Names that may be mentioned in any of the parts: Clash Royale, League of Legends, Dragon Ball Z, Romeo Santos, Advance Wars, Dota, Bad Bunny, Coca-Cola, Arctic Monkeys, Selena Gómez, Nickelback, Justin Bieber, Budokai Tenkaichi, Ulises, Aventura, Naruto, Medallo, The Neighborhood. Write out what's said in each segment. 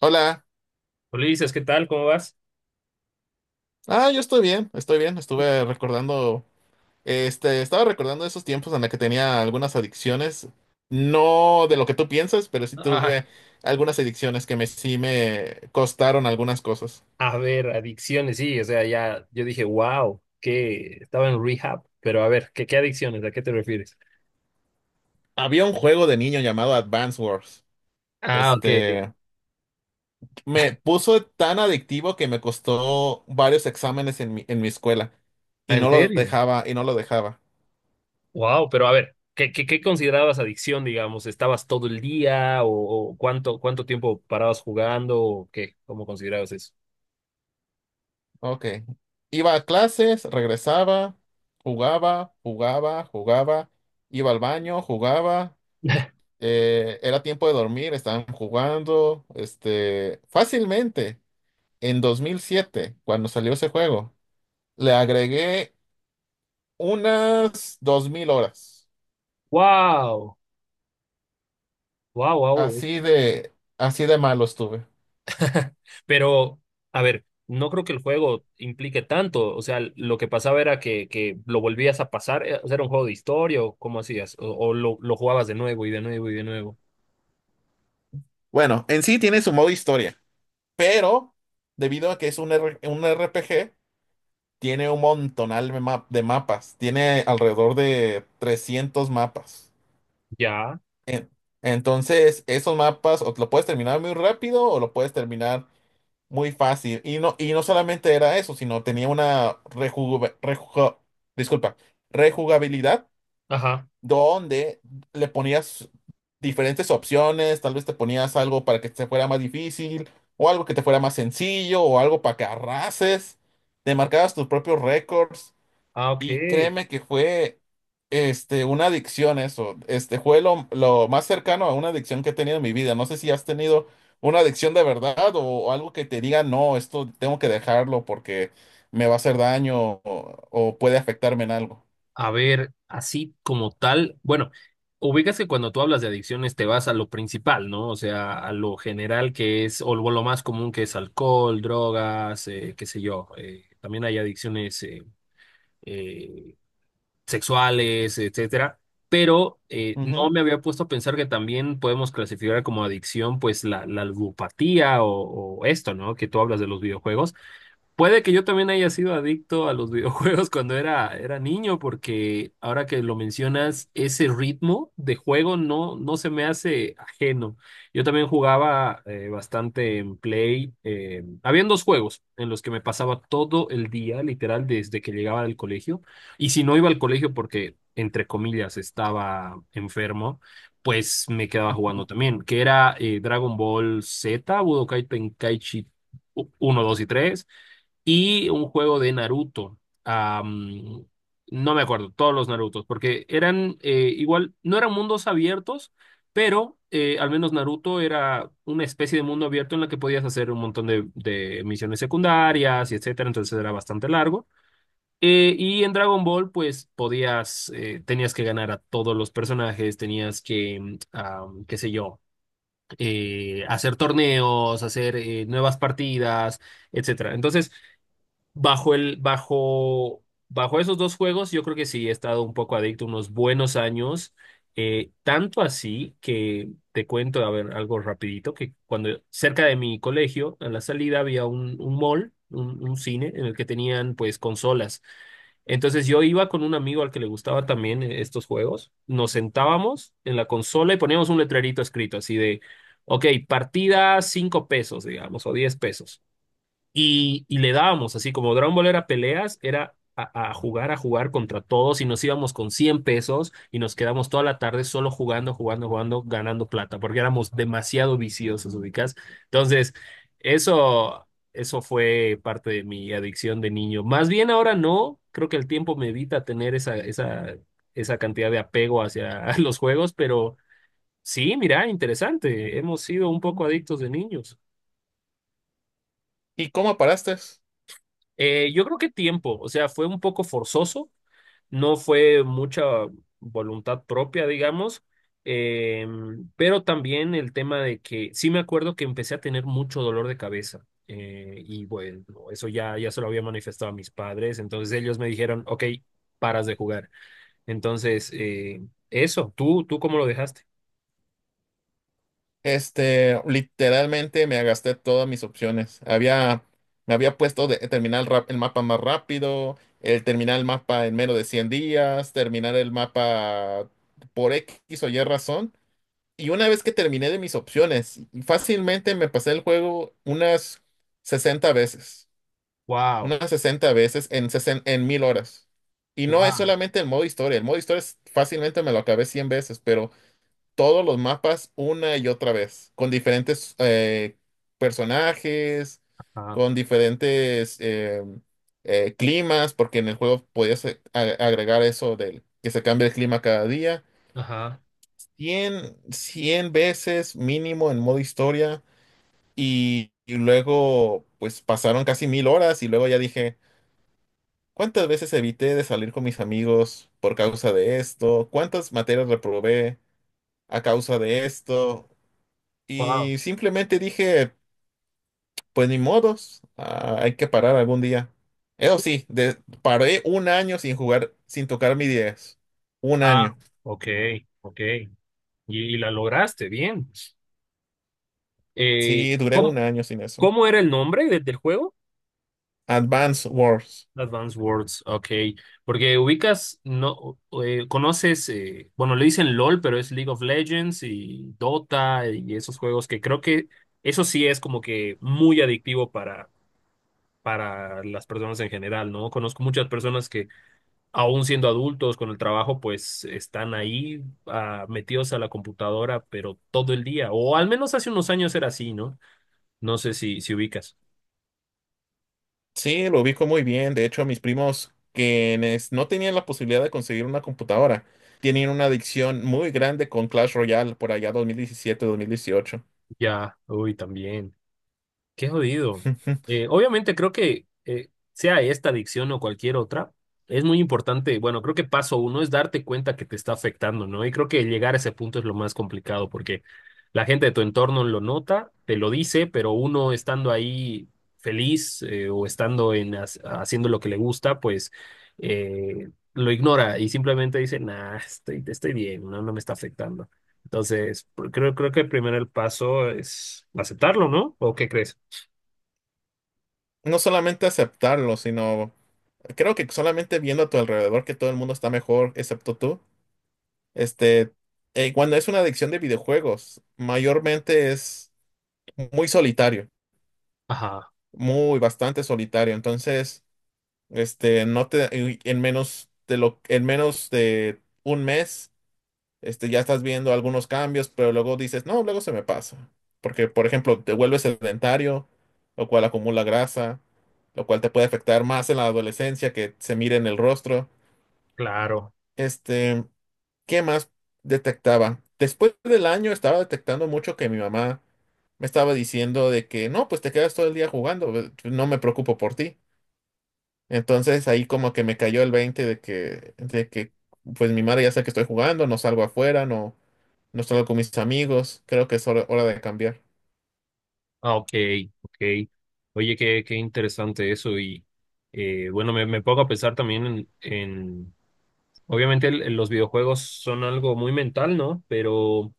Hola. Ulises, ¿qué tal? ¿Cómo vas? Ah, yo estoy bien, estoy bien. Estaba recordando esos tiempos en los que tenía algunas adicciones. No de lo que tú piensas, pero sí Ah, tuve algunas adicciones que me sí me costaron algunas cosas. a ver, adicciones, sí, o sea, ya yo dije, wow, que estaba en rehab, pero a ver, ¿qué adicciones? ¿A qué te refieres? Había un juego de niño llamado Advance Wars. Ah, ok. Este, Me puso tan adictivo que me costó varios exámenes en mi escuela Ah, y ¿en no lo serio? dejaba y no lo dejaba. Wow, pero a ver, ¿qué considerabas adicción, digamos? ¿Estabas todo el día o cuánto tiempo parabas jugando o qué? ¿Cómo considerabas eso? Ok. Iba a clases, regresaba, jugaba, jugaba, jugaba, iba al baño, jugaba, era tiempo de dormir, estaban jugando, fácilmente, en 2007, cuando salió ese juego, le agregué unas 2000 horas. Wow, wow, wow, Así de malo estuve. pero, a ver, no creo que el juego implique tanto. O sea, lo que pasaba era que lo volvías a pasar. O sea, era un juego de historia o cómo hacías. O lo jugabas de nuevo y de nuevo y de nuevo. Bueno, en sí tiene su modo historia, pero debido a que es un RPG, tiene un montonal de mapas. Tiene alrededor de 300 mapas. Ya. En- Entonces, esos mapas o te lo puedes terminar muy rápido o lo puedes terminar muy fácil. Y no solamente era eso, sino tenía una disculpa, rejugabilidad Ajá. donde le ponías diferentes opciones. Tal vez te ponías algo para que te fuera más difícil o algo que te fuera más sencillo o algo para que arrases. Te marcabas tus propios récords. Ah, ok. Y créeme que fue una adicción eso. Este fue lo más cercano a una adicción que he tenido en mi vida. No sé si has tenido una adicción de verdad o algo que te diga, no, esto tengo que dejarlo porque me va a hacer daño o puede afectarme en algo. A ver, así como tal. Bueno, ubicas que cuando tú hablas de adicciones te vas a lo principal, ¿no? O sea, a lo general que es, o lo más común que es alcohol, drogas, qué sé yo. También hay adicciones. Eh, Sexuales, etcétera, pero no Ujú, me había puesto a pensar que también podemos clasificar como adicción pues la ludopatía o esto, ¿no? Que tú hablas de los videojuegos. Puede que yo también haya sido adicto a los videojuegos cuando era niño, porque ahora que lo mencionas, ese ritmo de juego no se me hace ajeno. Yo también jugaba bastante en Play. Habían dos juegos en los que me pasaba todo el día, literal, desde que llegaba del colegio. Y si no iba al colegio porque, entre comillas, estaba enfermo, pues me quedaba ujú. jugando también, que era Dragon Ball Z, Budokai Tenkaichi uno, 2 y tres, y un juego de Naruto. Am, no me acuerdo, todos los Narutos, porque eran igual, no eran mundos abiertos, pero al menos Naruto era una especie de mundo abierto en la que podías hacer un montón de misiones secundarias y etcétera, entonces era bastante largo. Y en Dragon Ball, pues podías, tenías que ganar a todos los personajes, tenías que, qué sé yo, hacer torneos, hacer nuevas partidas, etcétera. Entonces, bajo esos dos juegos, yo creo que sí he estado un poco adicto unos buenos años. Tanto así que te cuento, a ver, algo rapidito, que cuando cerca de mi colegio, a la salida había un mall, un cine en el que tenían pues consolas. Entonces yo iba con un amigo al que le gustaba también estos juegos, nos sentábamos en la consola y poníamos un letrerito escrito así de, ok, partida 5 pesos, digamos, o 10 pesos. Y le dábamos, así como Dragon Ball era peleas, era a jugar contra todos y nos íbamos con 100 pesos y nos quedamos toda la tarde solo jugando, jugando, jugando, ganando plata, porque éramos demasiado viciosos, ubicás. Entonces, eso, eso, fue parte de mi adicción de niño. Más bien ahora no, creo que el tiempo me evita tener esa cantidad de apego hacia los juegos, pero sí, mira, interesante, hemos sido un poco adictos de niños. ¿Y cómo paraste? Yo creo que tiempo, o sea, fue un poco forzoso, no fue mucha voluntad propia, digamos, eh, pero también el tema de que sí me acuerdo que empecé a tener mucho dolor de cabeza y bueno, eso ya, ya se lo había manifestado a mis padres, entonces ellos me dijeron, ok, paras de jugar. Entonces, eso, ¿tú cómo lo dejaste? Literalmente me gasté todas mis opciones. Me había puesto de terminar el mapa más rápido, el terminar el mapa en menos de 100 días, terminar el mapa por X o Y razón. Y una vez que terminé de mis opciones, fácilmente me pasé el juego unas 60 veces, Wow, unas 60 veces en 1000 horas. Y no es wow, solamente el modo historia, fácilmente me lo acabé 100 veces, pero todos los mapas una y otra vez, con diferentes personajes, ajá, con diferentes climas, porque en el juego podías agregar eso del que se cambia el clima cada día. ajá, Cien veces mínimo en modo historia, y luego pues pasaron casi 1000 horas y luego ya dije, ¿cuántas veces evité de salir con mis amigos por causa de esto? ¿Cuántas materias reprobé a causa de esto? wow, Y simplemente dije, pues ni modos, ah, hay que parar algún día. Eso sí, paré un año sin jugar, sin tocar mi diez. Un ah, año. ok, ok, y la lograste, bien. Eh, Sí, duré un ¿cómo, año sin eso. cómo era el nombre del juego? Advance Wars. Advance Wars, ok. Porque ubicas, no, conoces, bueno, le dicen LOL, pero es League of Legends y Dota y esos juegos que creo que eso sí es como que muy adictivo para las personas en general, ¿no? Conozco muchas personas que aún siendo adultos con el trabajo, pues están ahí ah, metidos a la computadora, pero todo el día, o al menos hace unos años era así, ¿no? No sé si ubicas. Sí, lo ubico muy bien. De hecho, mis primos quienes no tenían la posibilidad de conseguir una computadora, tenían una adicción muy grande con Clash Royale por allá dos mil diecisiete, mil dieciocho. Ya, uy, también. Qué jodido. Obviamente creo que sea esta adicción o cualquier otra, es muy importante, bueno, creo que paso uno es darte cuenta que te está afectando, ¿no? Y creo que llegar a ese punto es lo más complicado porque la gente de tu entorno lo nota, te lo dice, pero uno estando ahí feliz o estando haciendo lo que le gusta, pues lo ignora y simplemente dice, nah, estoy, estoy bien, no me está afectando. Entonces, creo que primero el paso es aceptarlo, ¿no? ¿O qué crees? No solamente aceptarlo, sino creo que solamente viendo a tu alrededor que todo el mundo está mejor, excepto tú. Este, Cuando es una adicción de videojuegos, mayormente es muy solitario, Ajá, muy bastante solitario. Entonces, este, no te, y en menos de lo, en menos de un mes, ya estás viendo algunos cambios, pero luego dices, no, luego se me pasa. Porque, por ejemplo, te vuelves sedentario, lo cual acumula grasa, lo cual te puede afectar más en la adolescencia que se mire en el rostro. claro. Este. ¿Qué más detectaba? Después del año estaba detectando mucho que mi mamá me estaba diciendo de que no, pues te quedas todo el día jugando, no me preocupo por ti. Entonces ahí como que me cayó el 20 de que pues mi madre ya sabe que estoy jugando, no salgo afuera, no salgo con mis amigos, creo que es hora, hora de cambiar. Ah, ok, ok. Oye, qué, qué interesante eso. Y bueno, me, pongo a pensar también obviamente los videojuegos son algo muy mental, ¿no? Pero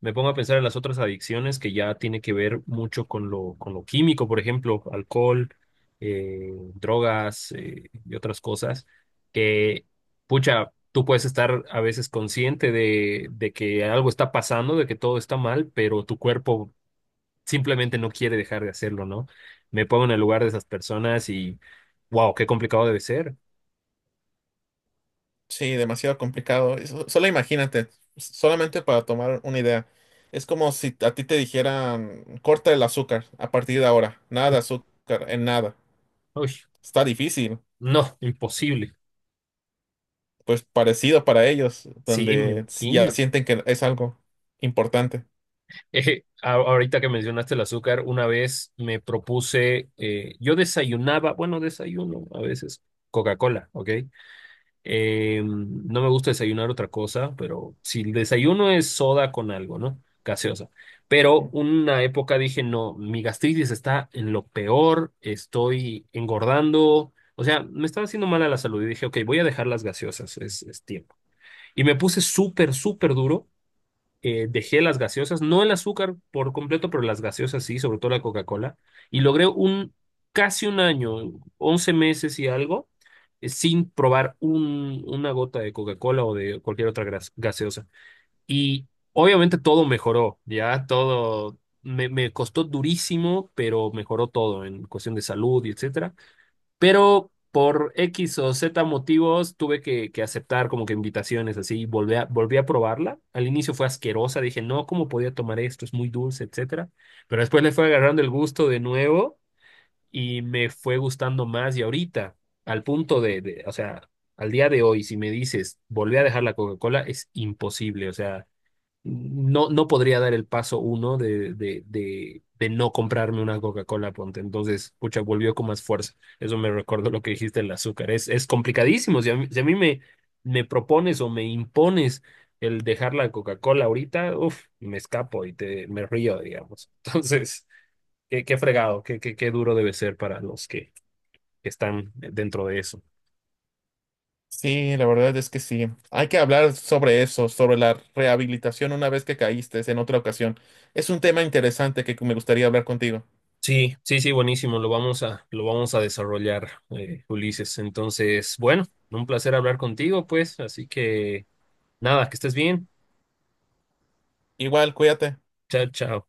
me pongo a pensar en las otras adicciones que ya tiene que ver mucho con lo, químico, por ejemplo, alcohol, eh, drogas y otras cosas, que, pucha, tú puedes estar a veces consciente de que algo está pasando, de que todo está mal, pero tu cuerpo simplemente no quiere dejar de hacerlo, ¿no? Me pongo en el lugar de esas personas y, wow, qué complicado debe ser. Sí, demasiado complicado. Solo imagínate, solamente para tomar una idea. Es como si a ti te dijeran, corta el azúcar a partir de ahora, nada de azúcar, en nada. Uy, Está difícil, no, imposible. pues parecido para ellos, Sí, me donde ya imagino. sienten que es algo importante. Ahorita que mencionaste el azúcar, una vez me propuse, yo desayunaba, bueno, desayuno a veces, Coca-Cola, ¿ok? No me gusta desayunar otra cosa, pero si el desayuno es soda con algo, ¿no? Gaseosa. Pero una época dije, no, mi gastritis está en lo peor, estoy engordando, o sea, me estaba haciendo mal a la salud y dije, ok, voy a dejar las gaseosas, es tiempo. Y me puse súper, súper duro, dejé las gaseosas, no el azúcar por completo, pero las gaseosas sí, sobre todo la Coca-Cola, y logré un casi un año, 11 meses y algo, sin probar una gota de Coca-Cola o de cualquier otra gaseosa. Y obviamente todo mejoró, ya todo me costó durísimo, pero mejoró todo en cuestión de salud y etcétera. Pero por X o Z motivos tuve que aceptar como que invitaciones así. Volví a probarla. Al inicio fue asquerosa. Dije, no, ¿cómo podía tomar esto? Es muy dulce, etcétera. Pero después le fue agarrando el gusto de nuevo y me fue gustando más. Y ahorita, al punto o sea, al día de hoy, si me dices, volví a dejar la Coca-Cola, es imposible. O sea, no, no podría dar el paso uno de, de no comprarme una Coca-Cola, ponte. Entonces, pucha, volvió con más fuerza. Eso me recordó lo que dijiste del azúcar. Es complicadísimo. Si a mí me propones o me impones el dejar la Coca-Cola ahorita, uff, me escapo y te, me río, digamos. Entonces, qué fregado, qué duro debe ser para los que están dentro de eso. Sí, la verdad es que sí. Hay que hablar sobre eso, sobre la rehabilitación una vez que caíste en otra ocasión. Es un tema interesante que me gustaría hablar contigo. Sí, sí, sí, buenísimo. Lo vamos a desarrollar, Ulises. Entonces, bueno, un placer hablar contigo, pues. Así que nada, que estés bien. Igual, cuídate. Chao, chao.